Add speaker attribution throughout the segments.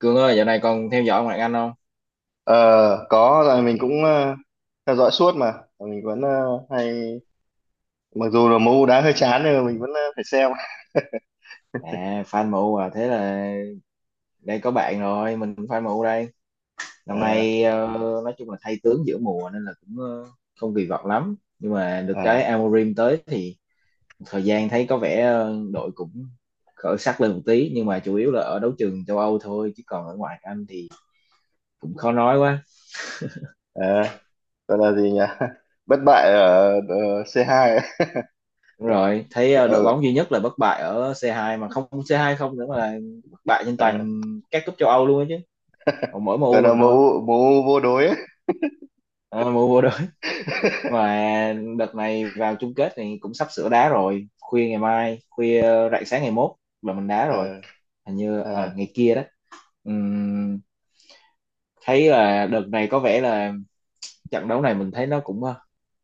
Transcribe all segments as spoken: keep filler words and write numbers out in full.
Speaker 1: Cương ơi, dạo này còn theo dõi ngoại hạng Anh không?
Speaker 2: Ờ, có rồi mình cũng ờ, theo dõi suốt, mà mình vẫn ờ, hay, mặc dù là môn đá hơi chán nhưng mà mình vẫn ờ, phải xem.
Speaker 1: À, fan em u à, thế là đây có bạn rồi, mình cũng fan em u đây. Năm
Speaker 2: Ờ,
Speaker 1: nay ờ, nói chung là thay tướng giữa mùa nên là cũng ờ, không kỳ vọng lắm. Nhưng mà được cái
Speaker 2: à,
Speaker 1: Amorim tới thì thời gian thấy có vẻ ờ, đội cũng khởi sắc lên một tí, nhưng mà chủ yếu là ở đấu trường châu Âu thôi, chứ còn ở ngoại hạng Anh thì cũng khó nói quá.
Speaker 2: à, Gọi là gì nhỉ? Bất bại ở ờ, xê hai ấy.
Speaker 1: Đúng rồi, thấy ờ, đội bóng
Speaker 2: ừ,
Speaker 1: duy nhất là bất bại ở xê hai, mà không xê hai không nữa mà là bất bại trên
Speaker 2: ờ,
Speaker 1: toàn các cúp châu Âu luôn á chứ. Còn mỗi
Speaker 2: Gọi
Speaker 1: em u
Speaker 2: là
Speaker 1: mình thôi.
Speaker 2: mẫu mẫu vô đối ấy.
Speaker 1: À, em u vô và đợt này vào chung kết thì cũng sắp sửa đá rồi, khuya ngày mai, khuya rạng sáng ngày mốt là mình đá rồi,
Speaker 2: Ờ,
Speaker 1: hình như ở
Speaker 2: ờ,
Speaker 1: ngày kia đó. Ừm, thấy là đợt này có vẻ là trận đấu này mình thấy nó cũng ờ,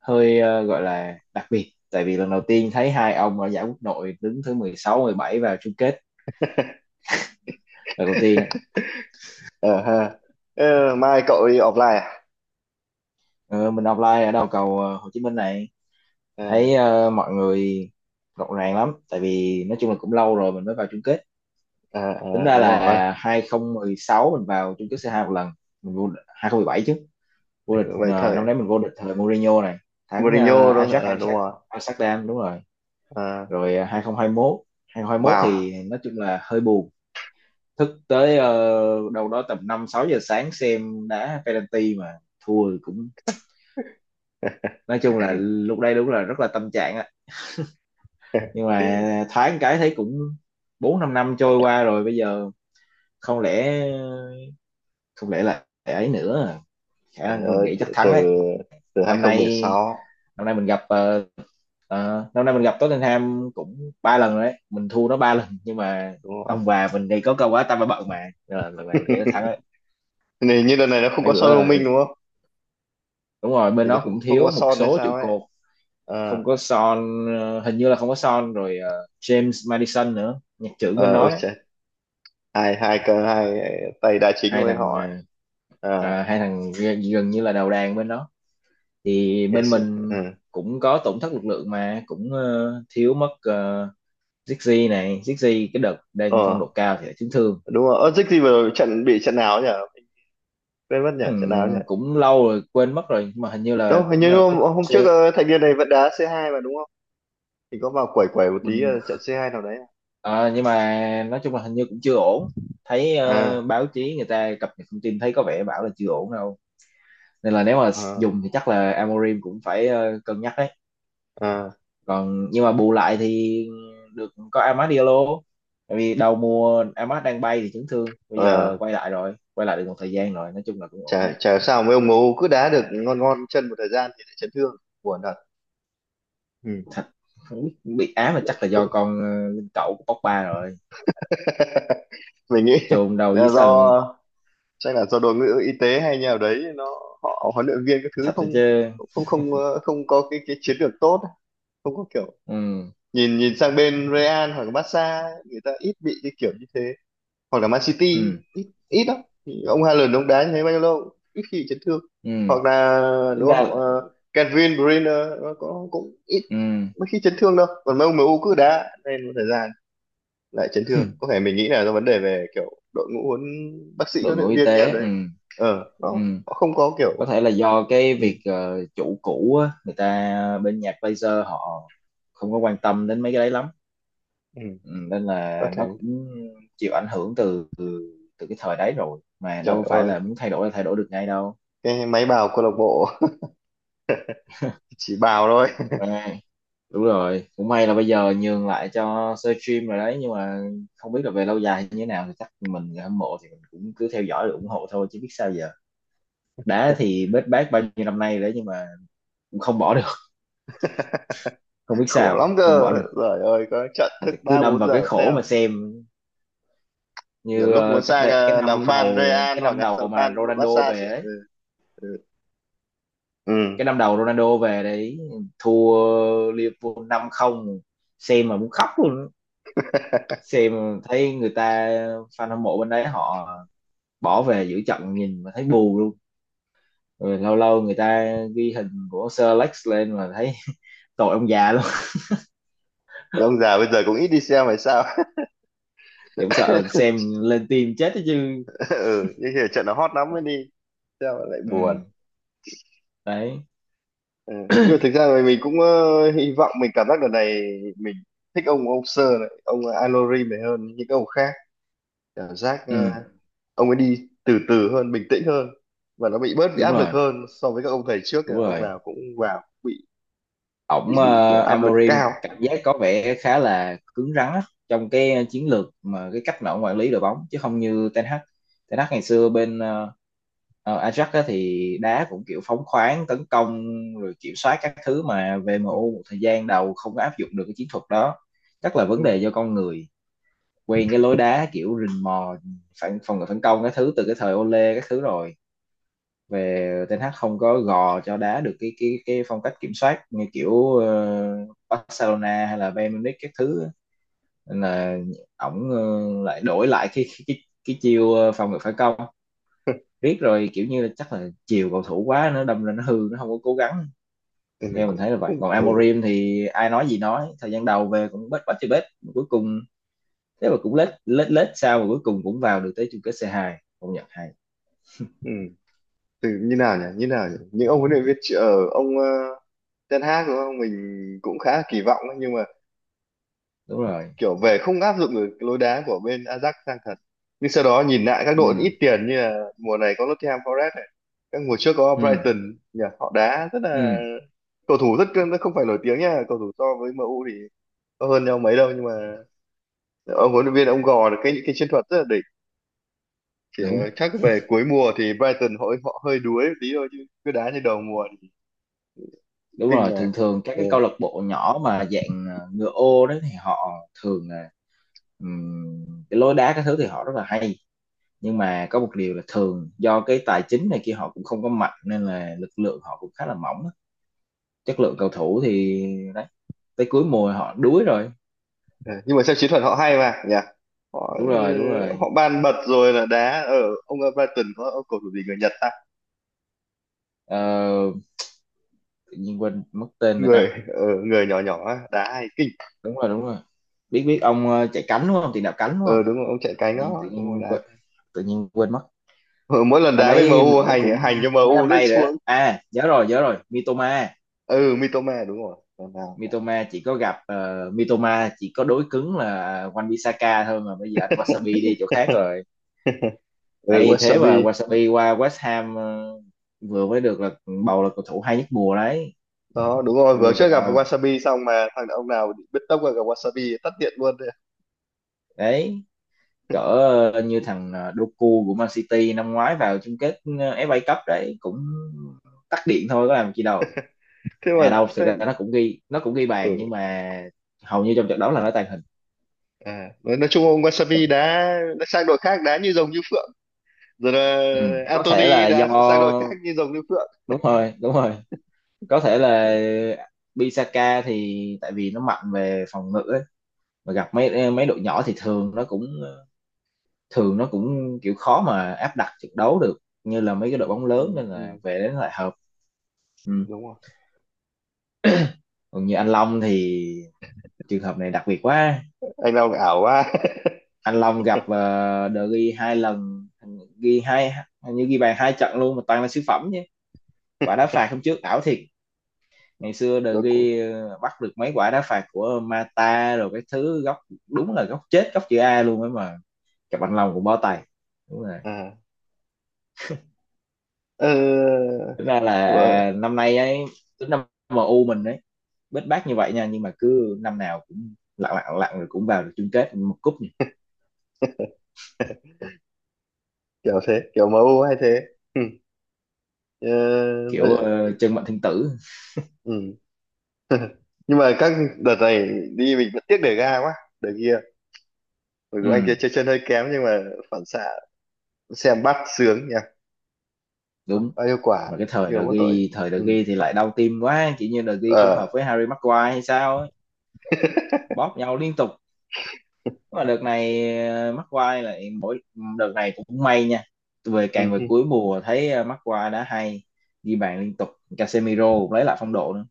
Speaker 1: hơi ờ, gọi là đặc biệt, tại vì lần đầu tiên thấy hai ông ở giải quốc nội đứng thứ mười sáu, mười bảy vào chung kết lần đầu tiên á.
Speaker 2: Ờ, ha. Ờ, mai cậu đi offline à?
Speaker 1: Ờ, mình offline ở đầu cầu ờ, Hồ Chí Minh này,
Speaker 2: à
Speaker 1: thấy ờ, mọi người rộn ràng lắm, tại vì nói chung là cũng lâu rồi mình mới vào chung kết.
Speaker 2: ờ, ờ,
Speaker 1: Tính ra
Speaker 2: Đúng rồi,
Speaker 1: là hai không một sáu mình vào chung kết xê hai một lần, mình vô địch- hai không một bảy chứ, vô địch
Speaker 2: vậy
Speaker 1: ờ,
Speaker 2: thời
Speaker 1: năm đấy mình vô địch thời Mourinho này, thắng ờ,
Speaker 2: Mourinho đó,
Speaker 1: Ajax
Speaker 2: ờ, đúng
Speaker 1: Amsterdam.
Speaker 2: rồi.
Speaker 1: Amsterdam, đúng rồi.
Speaker 2: Ờ,
Speaker 1: Rồi ờ, hai không hai một hai không hai một
Speaker 2: vào.
Speaker 1: thì nói chung là hơi buồn, thức tới ờ, đâu đó tầm năm sáu giờ sáng xem đá penalty mà thua, cũng nói chung là lúc đây đúng là rất là tâm trạng á, nhưng mà thoáng cái thấy cũng bốn năm năm trôi qua rồi bây giờ, không lẽ không lẽ là ấy nữa à. Khả
Speaker 2: Trời
Speaker 1: năng mình
Speaker 2: ơi,
Speaker 1: nghĩ
Speaker 2: từ
Speaker 1: chắc thắng
Speaker 2: từ
Speaker 1: đấy.
Speaker 2: từ
Speaker 1: năm nay
Speaker 2: hai không một sáu,
Speaker 1: năm nay mình gặp ờ, ờ, năm nay mình gặp Tottenham cũng ba lần rồi đấy, mình thua nó ba lần, nhưng mà
Speaker 2: đúng rồi.
Speaker 1: ông bà mình thì có câu quá tao phải bận mà. Nên là lần này mình nghĩ nó thắng đấy,
Speaker 2: Này như đợt này nó không
Speaker 1: mấy
Speaker 2: có Son
Speaker 1: bữa
Speaker 2: thông
Speaker 1: là
Speaker 2: minh đúng không?
Speaker 1: đúng rồi, bên
Speaker 2: Thì nó
Speaker 1: nó
Speaker 2: không,
Speaker 1: cũng
Speaker 2: không
Speaker 1: thiếu
Speaker 2: có
Speaker 1: một
Speaker 2: Son hay
Speaker 1: số trụ
Speaker 2: sao ấy.
Speaker 1: cột.
Speaker 2: À,
Speaker 1: Không có Son, ờ, hình như là không có Son rồi, ờ, James Madison nữa, nhạc trưởng bên
Speaker 2: ờ, ôi
Speaker 1: nó đấy.
Speaker 2: trời, hai hai cơ, hai tay đá chính của
Speaker 1: hai
Speaker 2: bên
Speaker 1: thằng
Speaker 2: họ ấy.
Speaker 1: ờ,
Speaker 2: À,
Speaker 1: à, hai thằng g- gần như là đầu đàn bên đó, thì
Speaker 2: ngày
Speaker 1: bên
Speaker 2: xưa,
Speaker 1: mình
Speaker 2: ừ.
Speaker 1: cũng có tổn thất lực lượng mà cũng ờ, thiếu mất ờ, Zixi này, Zixi cái đợt đang phong độ
Speaker 2: Ờ,
Speaker 1: cao thì lại chấn thương.
Speaker 2: đúng rồi. Ơ, Dích gì vừa rồi trận bị trận nào ấy nhỉ? Mình quên mất nhỉ, trận nào ấy nhỉ?
Speaker 1: Ừm, cũng lâu rồi quên mất rồi, nhưng mà hình như là
Speaker 2: Đâu, hình
Speaker 1: cũng
Speaker 2: như
Speaker 1: là
Speaker 2: hôm,
Speaker 1: cúp
Speaker 2: hôm
Speaker 1: C
Speaker 2: trước ờ, thành viên này vẫn đá xê hai mà đúng không? Thì có vào quẩy quẩy một tí,
Speaker 1: mình.
Speaker 2: ờ, trận xê hai nào đấy.
Speaker 1: Ờ, nhưng mà nói chung là hình như cũng chưa ổn, thấy ờ,
Speaker 2: À,
Speaker 1: báo chí người ta cập nhật thông tin thấy có vẻ bảo là chưa ổn đâu, nên là nếu mà dùng thì chắc là Amorim cũng phải ờ, cân nhắc đấy.
Speaker 2: à,
Speaker 1: Còn nhưng mà bù lại thì được có Amad Diallo, tại vì đầu mùa Amad đang bay thì chấn thương, bây giờ
Speaker 2: à,
Speaker 1: quay lại rồi, quay lại được một thời gian rồi, nói chung là cũng ổn
Speaker 2: chả chả sao mấy ông ngố cứ đá được ngon ngon chân một thời gian thì lại chấn thương. Buồn thật. Ừ.
Speaker 1: thật. Không biết bị ám mà chắc là do
Speaker 2: Cũng,
Speaker 1: con ờ, linh cẩu của Pogba rồi,
Speaker 2: mình nghĩ
Speaker 1: chôn đầu dưới
Speaker 2: là
Speaker 1: sân
Speaker 2: do chắc là do đội ngũ y tế hay nhà đấy nó, họ, huấn luyện viên các thứ,
Speaker 1: thật
Speaker 2: không
Speaker 1: rồi chứ.
Speaker 2: không không ờ, không có cái cái chiến lược tốt, không có kiểu
Speaker 1: Ừ,
Speaker 2: nhìn nhìn sang bên Real hoặc Barca ấy. Người ta ít bị cái kiểu như thế, hoặc là Man City,
Speaker 1: ừ,
Speaker 2: ít ít lắm. Ông Haaland ông đá như thế bao nhiêu lâu ít khi bị chấn thương.
Speaker 1: ừ,
Speaker 2: Hoặc là,
Speaker 1: tính
Speaker 2: đúng
Speaker 1: ra
Speaker 2: không?
Speaker 1: là
Speaker 2: uh, Kevin De Bruyne nó có cũng ít,
Speaker 1: ừ,
Speaker 2: mấy khi chấn thương đâu. Còn mấy ông em U cứ đá nên một thời gian lại chấn thương. Có thể mình nghĩ là do vấn đề về kiểu đội ngũ huấn bác sĩ
Speaker 1: đội
Speaker 2: huấn
Speaker 1: ngũ
Speaker 2: luyện
Speaker 1: y
Speaker 2: viên nha
Speaker 1: tế, ừ,
Speaker 2: đấy, ờ nó
Speaker 1: ừ,
Speaker 2: họ không có
Speaker 1: có
Speaker 2: kiểu.
Speaker 1: thể là do cái
Speaker 2: ừ,
Speaker 1: việc ờ, chủ cũ á, người ta bên nhạc laser họ không có quan tâm đến mấy cái đấy lắm.
Speaker 2: ừ,
Speaker 1: Ừ, nên
Speaker 2: có
Speaker 1: là
Speaker 2: thể.
Speaker 1: nó cũng chịu ảnh hưởng từ từ từ cái thời đấy rồi, mà
Speaker 2: Trời
Speaker 1: đâu phải
Speaker 2: ơi,
Speaker 1: là muốn thay đổi là thay đổi được ngay đâu.
Speaker 2: cái máy bào câu lạc bộ. Chỉ bào thôi.
Speaker 1: Ừ. Đúng rồi, cũng may là bây giờ nhường lại cho sơ stream rồi đấy, nhưng mà không biết là về lâu dài như thế nào, thì chắc mình người hâm mộ thì mình cũng cứ theo dõi rồi ủng hộ thôi chứ biết sao giờ. Đá thì bết bát bao nhiêu năm nay rồi đấy, nhưng mà cũng không bỏ được, không biết
Speaker 2: Khổ
Speaker 1: sao
Speaker 2: lắm
Speaker 1: không
Speaker 2: cơ,
Speaker 1: bỏ được.
Speaker 2: trời ơi, có trận
Speaker 1: Mà
Speaker 2: thức
Speaker 1: thì cứ
Speaker 2: ba
Speaker 1: đâm
Speaker 2: bốn
Speaker 1: vào cái
Speaker 2: giờ
Speaker 1: khổ
Speaker 2: xem,
Speaker 1: mà xem,
Speaker 2: nhiều
Speaker 1: như
Speaker 2: lúc
Speaker 1: ờ,
Speaker 2: muốn
Speaker 1: cách
Speaker 2: sang
Speaker 1: đây cái
Speaker 2: ờ, làm
Speaker 1: năm
Speaker 2: fan
Speaker 1: đầu
Speaker 2: Real
Speaker 1: cái
Speaker 2: hoặc
Speaker 1: năm
Speaker 2: là sang
Speaker 1: đầu mà
Speaker 2: fan
Speaker 1: Ronaldo
Speaker 2: Barca
Speaker 1: về
Speaker 2: sẽ.
Speaker 1: ấy,
Speaker 2: Ừ, ừ. Ừ.
Speaker 1: cái năm đầu Ronaldo về đấy, thua Liverpool năm không, xem mà muốn khóc luôn. Xem thấy người ta, fan hâm mộ bên đấy họ bỏ về giữa trận, nhìn mà thấy bù luôn. Rồi lâu lâu người ta ghi hình của Sir Alex lên mà thấy tội ông già luôn.
Speaker 2: Nhưng ông già bây giờ cũng ít đi xem hay sao?
Speaker 1: Thì cũng sợ xem lên tim chết đó chứ.
Speaker 2: Ừ, nhưng khi trận nó hot lắm mới đi xem mà lại buồn.
Speaker 1: Ừ, đấy,
Speaker 2: Ừ. Nhưng mà thực ra là mình cũng ờ, hy vọng, mình cảm giác lần này mình thích ông ông Sir này, ông Alori này hơn những ông khác. Cảm giác ờ,
Speaker 1: ừ,
Speaker 2: ông ấy đi từ từ hơn, bình tĩnh hơn, và nó bị bớt bị
Speaker 1: đúng
Speaker 2: áp lực
Speaker 1: rồi,
Speaker 2: hơn so với các ông thầy trước.
Speaker 1: đúng
Speaker 2: ờ, ông
Speaker 1: rồi,
Speaker 2: nào cũng vào cũng bị
Speaker 1: ổng
Speaker 2: bị bị kiểu
Speaker 1: ờ,
Speaker 2: áp lực
Speaker 1: Amorim
Speaker 2: cao.
Speaker 1: cảm giác có vẻ khá là cứng rắn á, trong cái chiến lược mà cái cách mà ổng quản lý đội bóng, chứ không như Ten Hag. Ten Hag ngày xưa
Speaker 2: Ừ.
Speaker 1: bên ờ, ờ, Ajax á, thì đá cũng kiểu phóng khoáng tấn công rồi kiểm soát các thứ, mà
Speaker 2: Ừ.
Speaker 1: vê em u một thời gian đầu không có áp dụng được cái chiến thuật đó. Chắc là vấn đề do con người quen cái lối đá kiểu rình mò, phản phòng ngự phản công các thứ từ cái thời Ole các thứ rồi, về Ten hát không có gò cho đá được cái cái cái phong cách kiểm soát như kiểu ờ, Barcelona hay là Bayern Munich các thứ á. Nên là ổng ờ, lại đổi lại cái cái cái, cái chiêu ờ, phòng ngự phản công, riết rồi kiểu như là chắc là chiều cầu thủ quá, nó đâm ra nó hư, nó không có cố gắng.
Speaker 2: Ừ. Mình
Speaker 1: Theo mình
Speaker 2: cũng
Speaker 1: thấy là vậy,
Speaker 2: không.
Speaker 1: còn
Speaker 2: Ừ.
Speaker 1: Amorim thì ai nói gì nói, thời gian đầu về cũng bết, bết chơi bết cuối cùng, thế mà cũng lết lết lết sao mà cuối cùng cũng vào được tới chung kết xê hai, công nhận hay.
Speaker 2: Ừ. Từ như nào nhỉ như nào nhỉ những ông huấn luyện viên tr- ở ông ờ, Ten Hag đúng không, mình cũng khá là kỳ vọng ấy, nhưng mà
Speaker 1: Đúng rồi,
Speaker 2: kiểu về không áp dụng được lối đá của bên Ajax sang thật. Nhưng sau đó nhìn lại các đội
Speaker 1: ừ,
Speaker 2: ít tiền như là mùa này có Nottingham Forest này, các mùa trước có
Speaker 1: ừ,
Speaker 2: Brighton nhỉ, họ đá rất
Speaker 1: ừ,
Speaker 2: là, cầu thủ rất, không phải nổi tiếng nha, cầu thủ so với em u thì có hơn nhau mấy đâu, nhưng mà ông huấn luyện viên ông gò được cái những cái chiến thuật rất là đỉnh. Chỉ
Speaker 1: đúng,
Speaker 2: ờ, chắc về cuối mùa thì Brighton họ họ hơi đuối một tí thôi, chứ cứ đá như đầu mùa thì cũng
Speaker 1: đúng
Speaker 2: kinh
Speaker 1: rồi,
Speaker 2: mà.
Speaker 1: thường thường các
Speaker 2: Ờ.
Speaker 1: cái câu lạc bộ nhỏ mà dạng ờ, ngựa ô đấy thì họ thường là, ừm, cái lối đá các thứ thì họ rất là hay. Nhưng mà có một điều là thường do cái tài chính này kia họ cũng không có mạnh, nên là lực lượng họ cũng khá là mỏng á. Chất lượng cầu thủ thì đấy, tới cuối mùa họ đuối rồi.
Speaker 2: Ừ, nhưng mà xem chiến thuật họ hay mà nhỉ. Họ,
Speaker 1: Đúng
Speaker 2: ừ,
Speaker 1: rồi, đúng rồi.
Speaker 2: họ ban bật rồi là đá ở. Ông Everton có ông cầu thủ gì người Nhật ta,
Speaker 1: Ờ, tự nhiên quên mất tên người ta.
Speaker 2: người ờ, người nhỏ nhỏ á, đá hay kinh.
Speaker 1: Đúng rồi, đúng rồi, biết, biết ông ờ, chạy cánh đúng không, tiền đạo cánh đúng không.
Speaker 2: Ờ, đúng rồi, ông chạy
Speaker 1: Tự
Speaker 2: cánh
Speaker 1: nhiên
Speaker 2: đó
Speaker 1: tự
Speaker 2: đúng rồi,
Speaker 1: nhiên
Speaker 2: đá
Speaker 1: quên,
Speaker 2: cánh.
Speaker 1: tự nhiên quên mất.
Speaker 2: ờ, Mỗi lần
Speaker 1: Dạo
Speaker 2: đá với
Speaker 1: đấy
Speaker 2: em u
Speaker 1: nổi
Speaker 2: hành
Speaker 1: cũng
Speaker 2: hành cho
Speaker 1: mấy
Speaker 2: em u
Speaker 1: năm
Speaker 2: lên
Speaker 1: nay rồi đó.
Speaker 2: xuống.
Speaker 1: À, nhớ rồi, nhớ rồi. Mitoma.
Speaker 2: Ừ, Mitoma đúng rồi, lần nào.
Speaker 1: Mitoma chỉ có gặp ờ, Mitoma chỉ có đối cứng là Wan Bissaka thôi, mà bây giờ anh Wasabi đi chỗ khác rồi.
Speaker 2: Ừ,
Speaker 1: Ê, thế mà
Speaker 2: Wasabi
Speaker 1: Wasabi qua West Ham ờ, vừa mới được là bầu là cầu thủ hay nhất mùa đấy.
Speaker 2: đó, đúng rồi, vừa
Speaker 1: Vừa
Speaker 2: trước gặp
Speaker 1: đầu.
Speaker 2: Wasabi xong mà thằng ông nào biết tốc là gặp Wasabi tắt điện luôn đấy.
Speaker 1: Đấy, cỡ ờ, như thằng ờ, Doku của Man City năm ngoái vào chung kết ờ, ép a Cup đấy, cũng tắt điện thôi, có làm chi đâu.
Speaker 2: Thế mà.
Speaker 1: À đâu,
Speaker 2: Thế,
Speaker 1: thực ra nó cũng ghi, nó cũng ghi
Speaker 2: ừ.
Speaker 1: bàn, nhưng mà hầu như trong trận đấu là nó tàng hình.
Speaker 2: À nói, nói chung ông Wasabi đá, đã sang đội khác đá như rồng như phượng. Rồi là
Speaker 1: Ừ, có thể
Speaker 2: Anthony
Speaker 1: là do
Speaker 2: đã sang đội khác như rồng như phượng.
Speaker 1: đúng rồi, đúng rồi, có thể là Bisaka thì tại vì nó mạnh về phòng ngự ấy. Mà gặp mấy mấy đội nhỏ thì thường nó cũng thường nó cũng kiểu khó mà áp đặt trận đấu được như là mấy cái
Speaker 2: Ừ,
Speaker 1: đội bóng
Speaker 2: ừ,
Speaker 1: lớn, nên là
Speaker 2: ừ.
Speaker 1: về đến lại hợp. Ừ.
Speaker 2: Đúng rồi.
Speaker 1: Còn như anh Long thì trường hợp này đặc biệt quá,
Speaker 2: Anh Long ảo quá.
Speaker 1: anh Long gặp uh, De Gea hai lần, ghi hai, hình như ghi bàn hai trận luôn mà toàn là siêu phẩm chứ. Quả đá phạt hôm trước ảo thiệt. Ngày xưa De
Speaker 2: Tôi cũng.
Speaker 1: ghi ờ, bắt được mấy quả đá phạt của Mata rồi cái thứ góc, đúng là góc chết góc chữ A luôn ấy, mà cặp anh Long cũng bó tay. Đúng rồi.
Speaker 2: à ờ,
Speaker 1: Tính ra là
Speaker 2: ờ,
Speaker 1: à, năm nay ấy, tính năm em u mình ấy, bết bát như vậy nha, nhưng mà cứ năm nào cũng lặng lặng lặng rồi cũng vào được chung kết một cúp nhỉ.
Speaker 2: Kiểu thế, kiểu em u hay thế. Ừ. Ờ,
Speaker 1: Kiểu ờ, chân mệnh thiên tử.
Speaker 2: ừ. Nhưng mà các đợt này đi mình vẫn tiếc để ga quá, để kia. Mặc
Speaker 1: Ừ,
Speaker 2: dù anh kia chơi chân hơi kém nhưng mà phản xạ xem bắt sướng nha.
Speaker 1: đúng,
Speaker 2: Bao nhiêu quả,
Speaker 1: mà cái thời
Speaker 2: nhiều
Speaker 1: De
Speaker 2: quá tội.
Speaker 1: Gea, thời De
Speaker 2: Ừ.
Speaker 1: Gea thì lại đau tim quá, kiểu như De Gea không
Speaker 2: Ờ.
Speaker 1: hợp với Harry Maguire hay sao ấy, bóp nhau liên tục, mà đợt này ờ, McQuarrie lại mỗi, đợt này cũng may nha, về
Speaker 2: Ừ.
Speaker 1: càng về
Speaker 2: Ừ.
Speaker 1: cuối mùa thấy ờ, McQuarrie đã hay, ghi bàn liên tục. Casemiro cũng lấy lại phong độ nữa,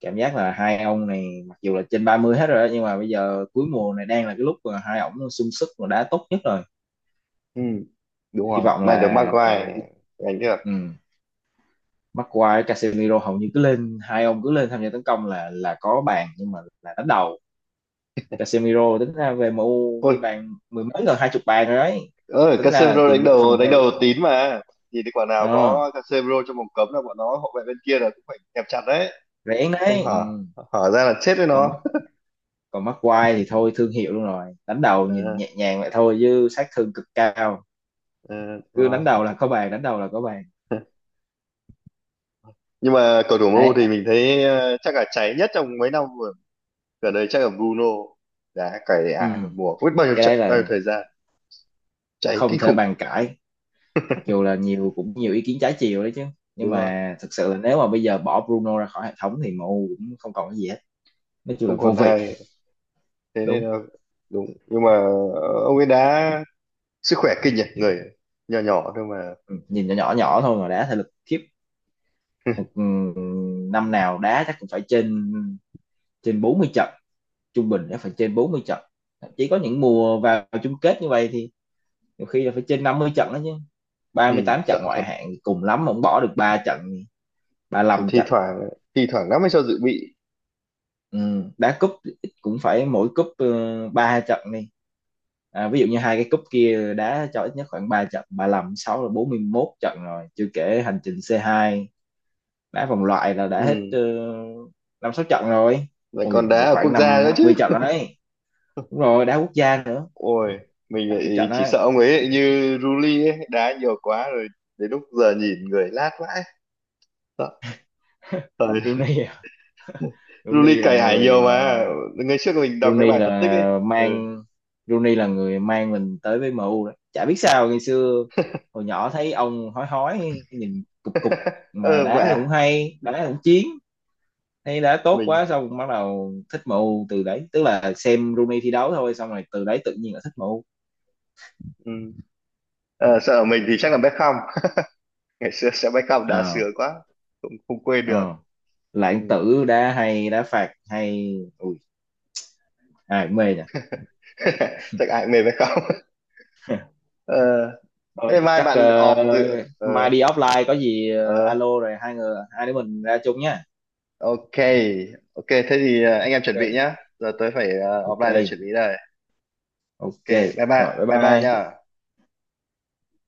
Speaker 1: cảm giác là hai ông này mặc dù là trên ba mươi hết rồi đó, nhưng mà bây giờ cuối mùa này đang là cái lúc mà hai ổng sung sức và đá tốt nhất rồi.
Speaker 2: Ừ. Đúng
Speaker 1: Hy
Speaker 2: rồi,
Speaker 1: vọng
Speaker 2: mày được
Speaker 1: là,
Speaker 2: Maguire đánh được.
Speaker 1: ừ, McQuarrie Casemiro hầu như cứ lên, hai ông cứ lên tham gia tấn công là là có bàn, nhưng mà là đánh đầu. Casemiro tính ra về em u ghi
Speaker 2: Ôi,
Speaker 1: bàn mười mấy gần hai chục bàn rồi đấy,
Speaker 2: ơi
Speaker 1: tính ra là
Speaker 2: Casemiro
Speaker 1: tiền
Speaker 2: đánh
Speaker 1: vệ
Speaker 2: đầu,
Speaker 1: phòng
Speaker 2: đánh
Speaker 1: ngự.
Speaker 2: đầu tín mà, nhìn thấy quả nào
Speaker 1: Ờ,
Speaker 2: có Casemiro trong vòng cấm là bọn nó, hậu vệ bên kia là cũng phải kẹp chặt đấy.
Speaker 1: rẻ đấy,
Speaker 2: Không hở,
Speaker 1: ừ.
Speaker 2: hở ra là chết với
Speaker 1: Còn
Speaker 2: nó.
Speaker 1: mắc, còn mắc quai thì thôi thương hiệu luôn rồi, đánh đầu nhìn
Speaker 2: Ờ,
Speaker 1: nhẹ nhàng vậy thôi chứ sát thương cực cao,
Speaker 2: ờ, đúng
Speaker 1: cứ đánh
Speaker 2: rồi.
Speaker 1: đầu là có bàn, đánh đầu là có bàn.
Speaker 2: Nhưng mà cầu thủ
Speaker 1: Đấy,
Speaker 2: em u thì
Speaker 1: ờ,
Speaker 2: mình thấy ờ, chắc là cháy nhất trong mấy năm vừa gần đây chắc là Bruno, đã cày
Speaker 1: ừ,
Speaker 2: ải một mùa không biết bao nhiêu
Speaker 1: cái đấy
Speaker 2: trận, bao nhiêu
Speaker 1: là
Speaker 2: thời gian, cháy
Speaker 1: không
Speaker 2: kinh
Speaker 1: thể
Speaker 2: khủng.
Speaker 1: bàn cãi. Mặc dù là nhiều cũng nhiều ý kiến trái chiều đấy chứ, nhưng
Speaker 2: Đúng rồi,
Speaker 1: mà thực sự là nếu mà bây giờ bỏ Bruno ra khỏi hệ thống thì em u cũng không còn cái gì hết, nói chung là
Speaker 2: không
Speaker 1: vô
Speaker 2: còn
Speaker 1: vị.
Speaker 2: ai. Thế nên
Speaker 1: Đúng.
Speaker 2: là đúng. Nhưng mà ờ, ông ấy đã, sức khỏe kinh nhỉ, người nhỏ nhỏ thôi mà.
Speaker 1: Ừ, nhìn nhỏ nhỏ nhỏ thôi mà đá thể lực khiếp. Một ừ, năm nào đá chắc cũng phải trên trên bốn mươi trận, trung bình chắc phải trên bốn mươi trận. Chỉ có những mùa vào chung kết như vậy thì nhiều khi là phải trên năm mươi trận đó chứ. ba
Speaker 2: Ừ,
Speaker 1: mươi tám trận
Speaker 2: sợ thật.
Speaker 1: ngoại hạng cùng lắm mà bỏ được ba trận, ba mươi
Speaker 2: Còn
Speaker 1: lăm
Speaker 2: thi
Speaker 1: trận
Speaker 2: thoảng, thi thoảng nó mới cho dự bị.
Speaker 1: Ừ. Đá cúp cũng phải mỗi cúp ừ, ba 3 trận đi. À, ví dụ như hai cái cúp kia đá cho ít nhất khoảng ba trận, ba mươi lăm sáu là bốn mươi mốt trận rồi, chưa kể hành trình c hai, đá vòng loại là đã hết
Speaker 2: Ừ,
Speaker 1: ờ, năm sáu trận rồi.
Speaker 2: lại
Speaker 1: Ui
Speaker 2: còn đá ở
Speaker 1: khoảng
Speaker 2: quốc gia
Speaker 1: năm
Speaker 2: nữa
Speaker 1: năm
Speaker 2: chứ.
Speaker 1: mươi trận rồi đấy, đúng rồi đá quốc gia nữa,
Speaker 2: Ôi, mình
Speaker 1: năm chục
Speaker 2: lại
Speaker 1: trận
Speaker 2: chỉ
Speaker 1: đấy.
Speaker 2: sợ ông ấy lại như Ruli ấy, đá nhiều quá rồi đến lúc giờ nhìn người lát vãi. Sợ. Rồi,
Speaker 1: Rooney à?
Speaker 2: Ruli
Speaker 1: Rooney là
Speaker 2: cày ải
Speaker 1: người
Speaker 2: nhiều
Speaker 1: mà
Speaker 2: mà, ngày trước mình đọc cái
Speaker 1: Rooney
Speaker 2: bài phân tích ấy.
Speaker 1: là
Speaker 2: Ừ.
Speaker 1: mang Rooney là người mang mình tới với em u đấy, chả biết sao ngày xưa hồi nhỏ thấy ông hói hói nhìn cục cục, mà
Speaker 2: ờ Vậy
Speaker 1: đá
Speaker 2: à?
Speaker 1: cũng hay, đá cũng chiến, thấy đá tốt quá
Speaker 2: Mình.
Speaker 1: xong bắt đầu thích em u từ đấy, tức là xem Rooney thi đấu thôi xong rồi từ đấy tự nhiên là thích em u.
Speaker 2: Ừ. Ờ, sợ mình thì chắc là Beckham. Ngày xưa sẽ Beckham đá
Speaker 1: Ờ,
Speaker 2: sướng quá, không không quên được.
Speaker 1: ờ, lãng
Speaker 2: Ừ.
Speaker 1: tử, đá hay, đá phạt hay, ui ai cũng mê nhỉ.
Speaker 2: Chắc ai cũng mê Beckham. ờ
Speaker 1: Thôi
Speaker 2: Thế mai
Speaker 1: chắc
Speaker 2: bạn
Speaker 1: ờ,
Speaker 2: off từ. ờ
Speaker 1: mai đi offline có gì ờ,
Speaker 2: ờ
Speaker 1: alo rồi hai người hai đứa mình ra chung nhá.
Speaker 2: Ok, ok, thế thì, à, anh em chuẩn bị
Speaker 1: Ok,
Speaker 2: nhá. Giờ tôi phải, à,
Speaker 1: ok,
Speaker 2: offline để chuẩn bị đây. Ok,
Speaker 1: ok,
Speaker 2: bye bye,
Speaker 1: rồi bye
Speaker 2: bye bye nhá.
Speaker 1: bye.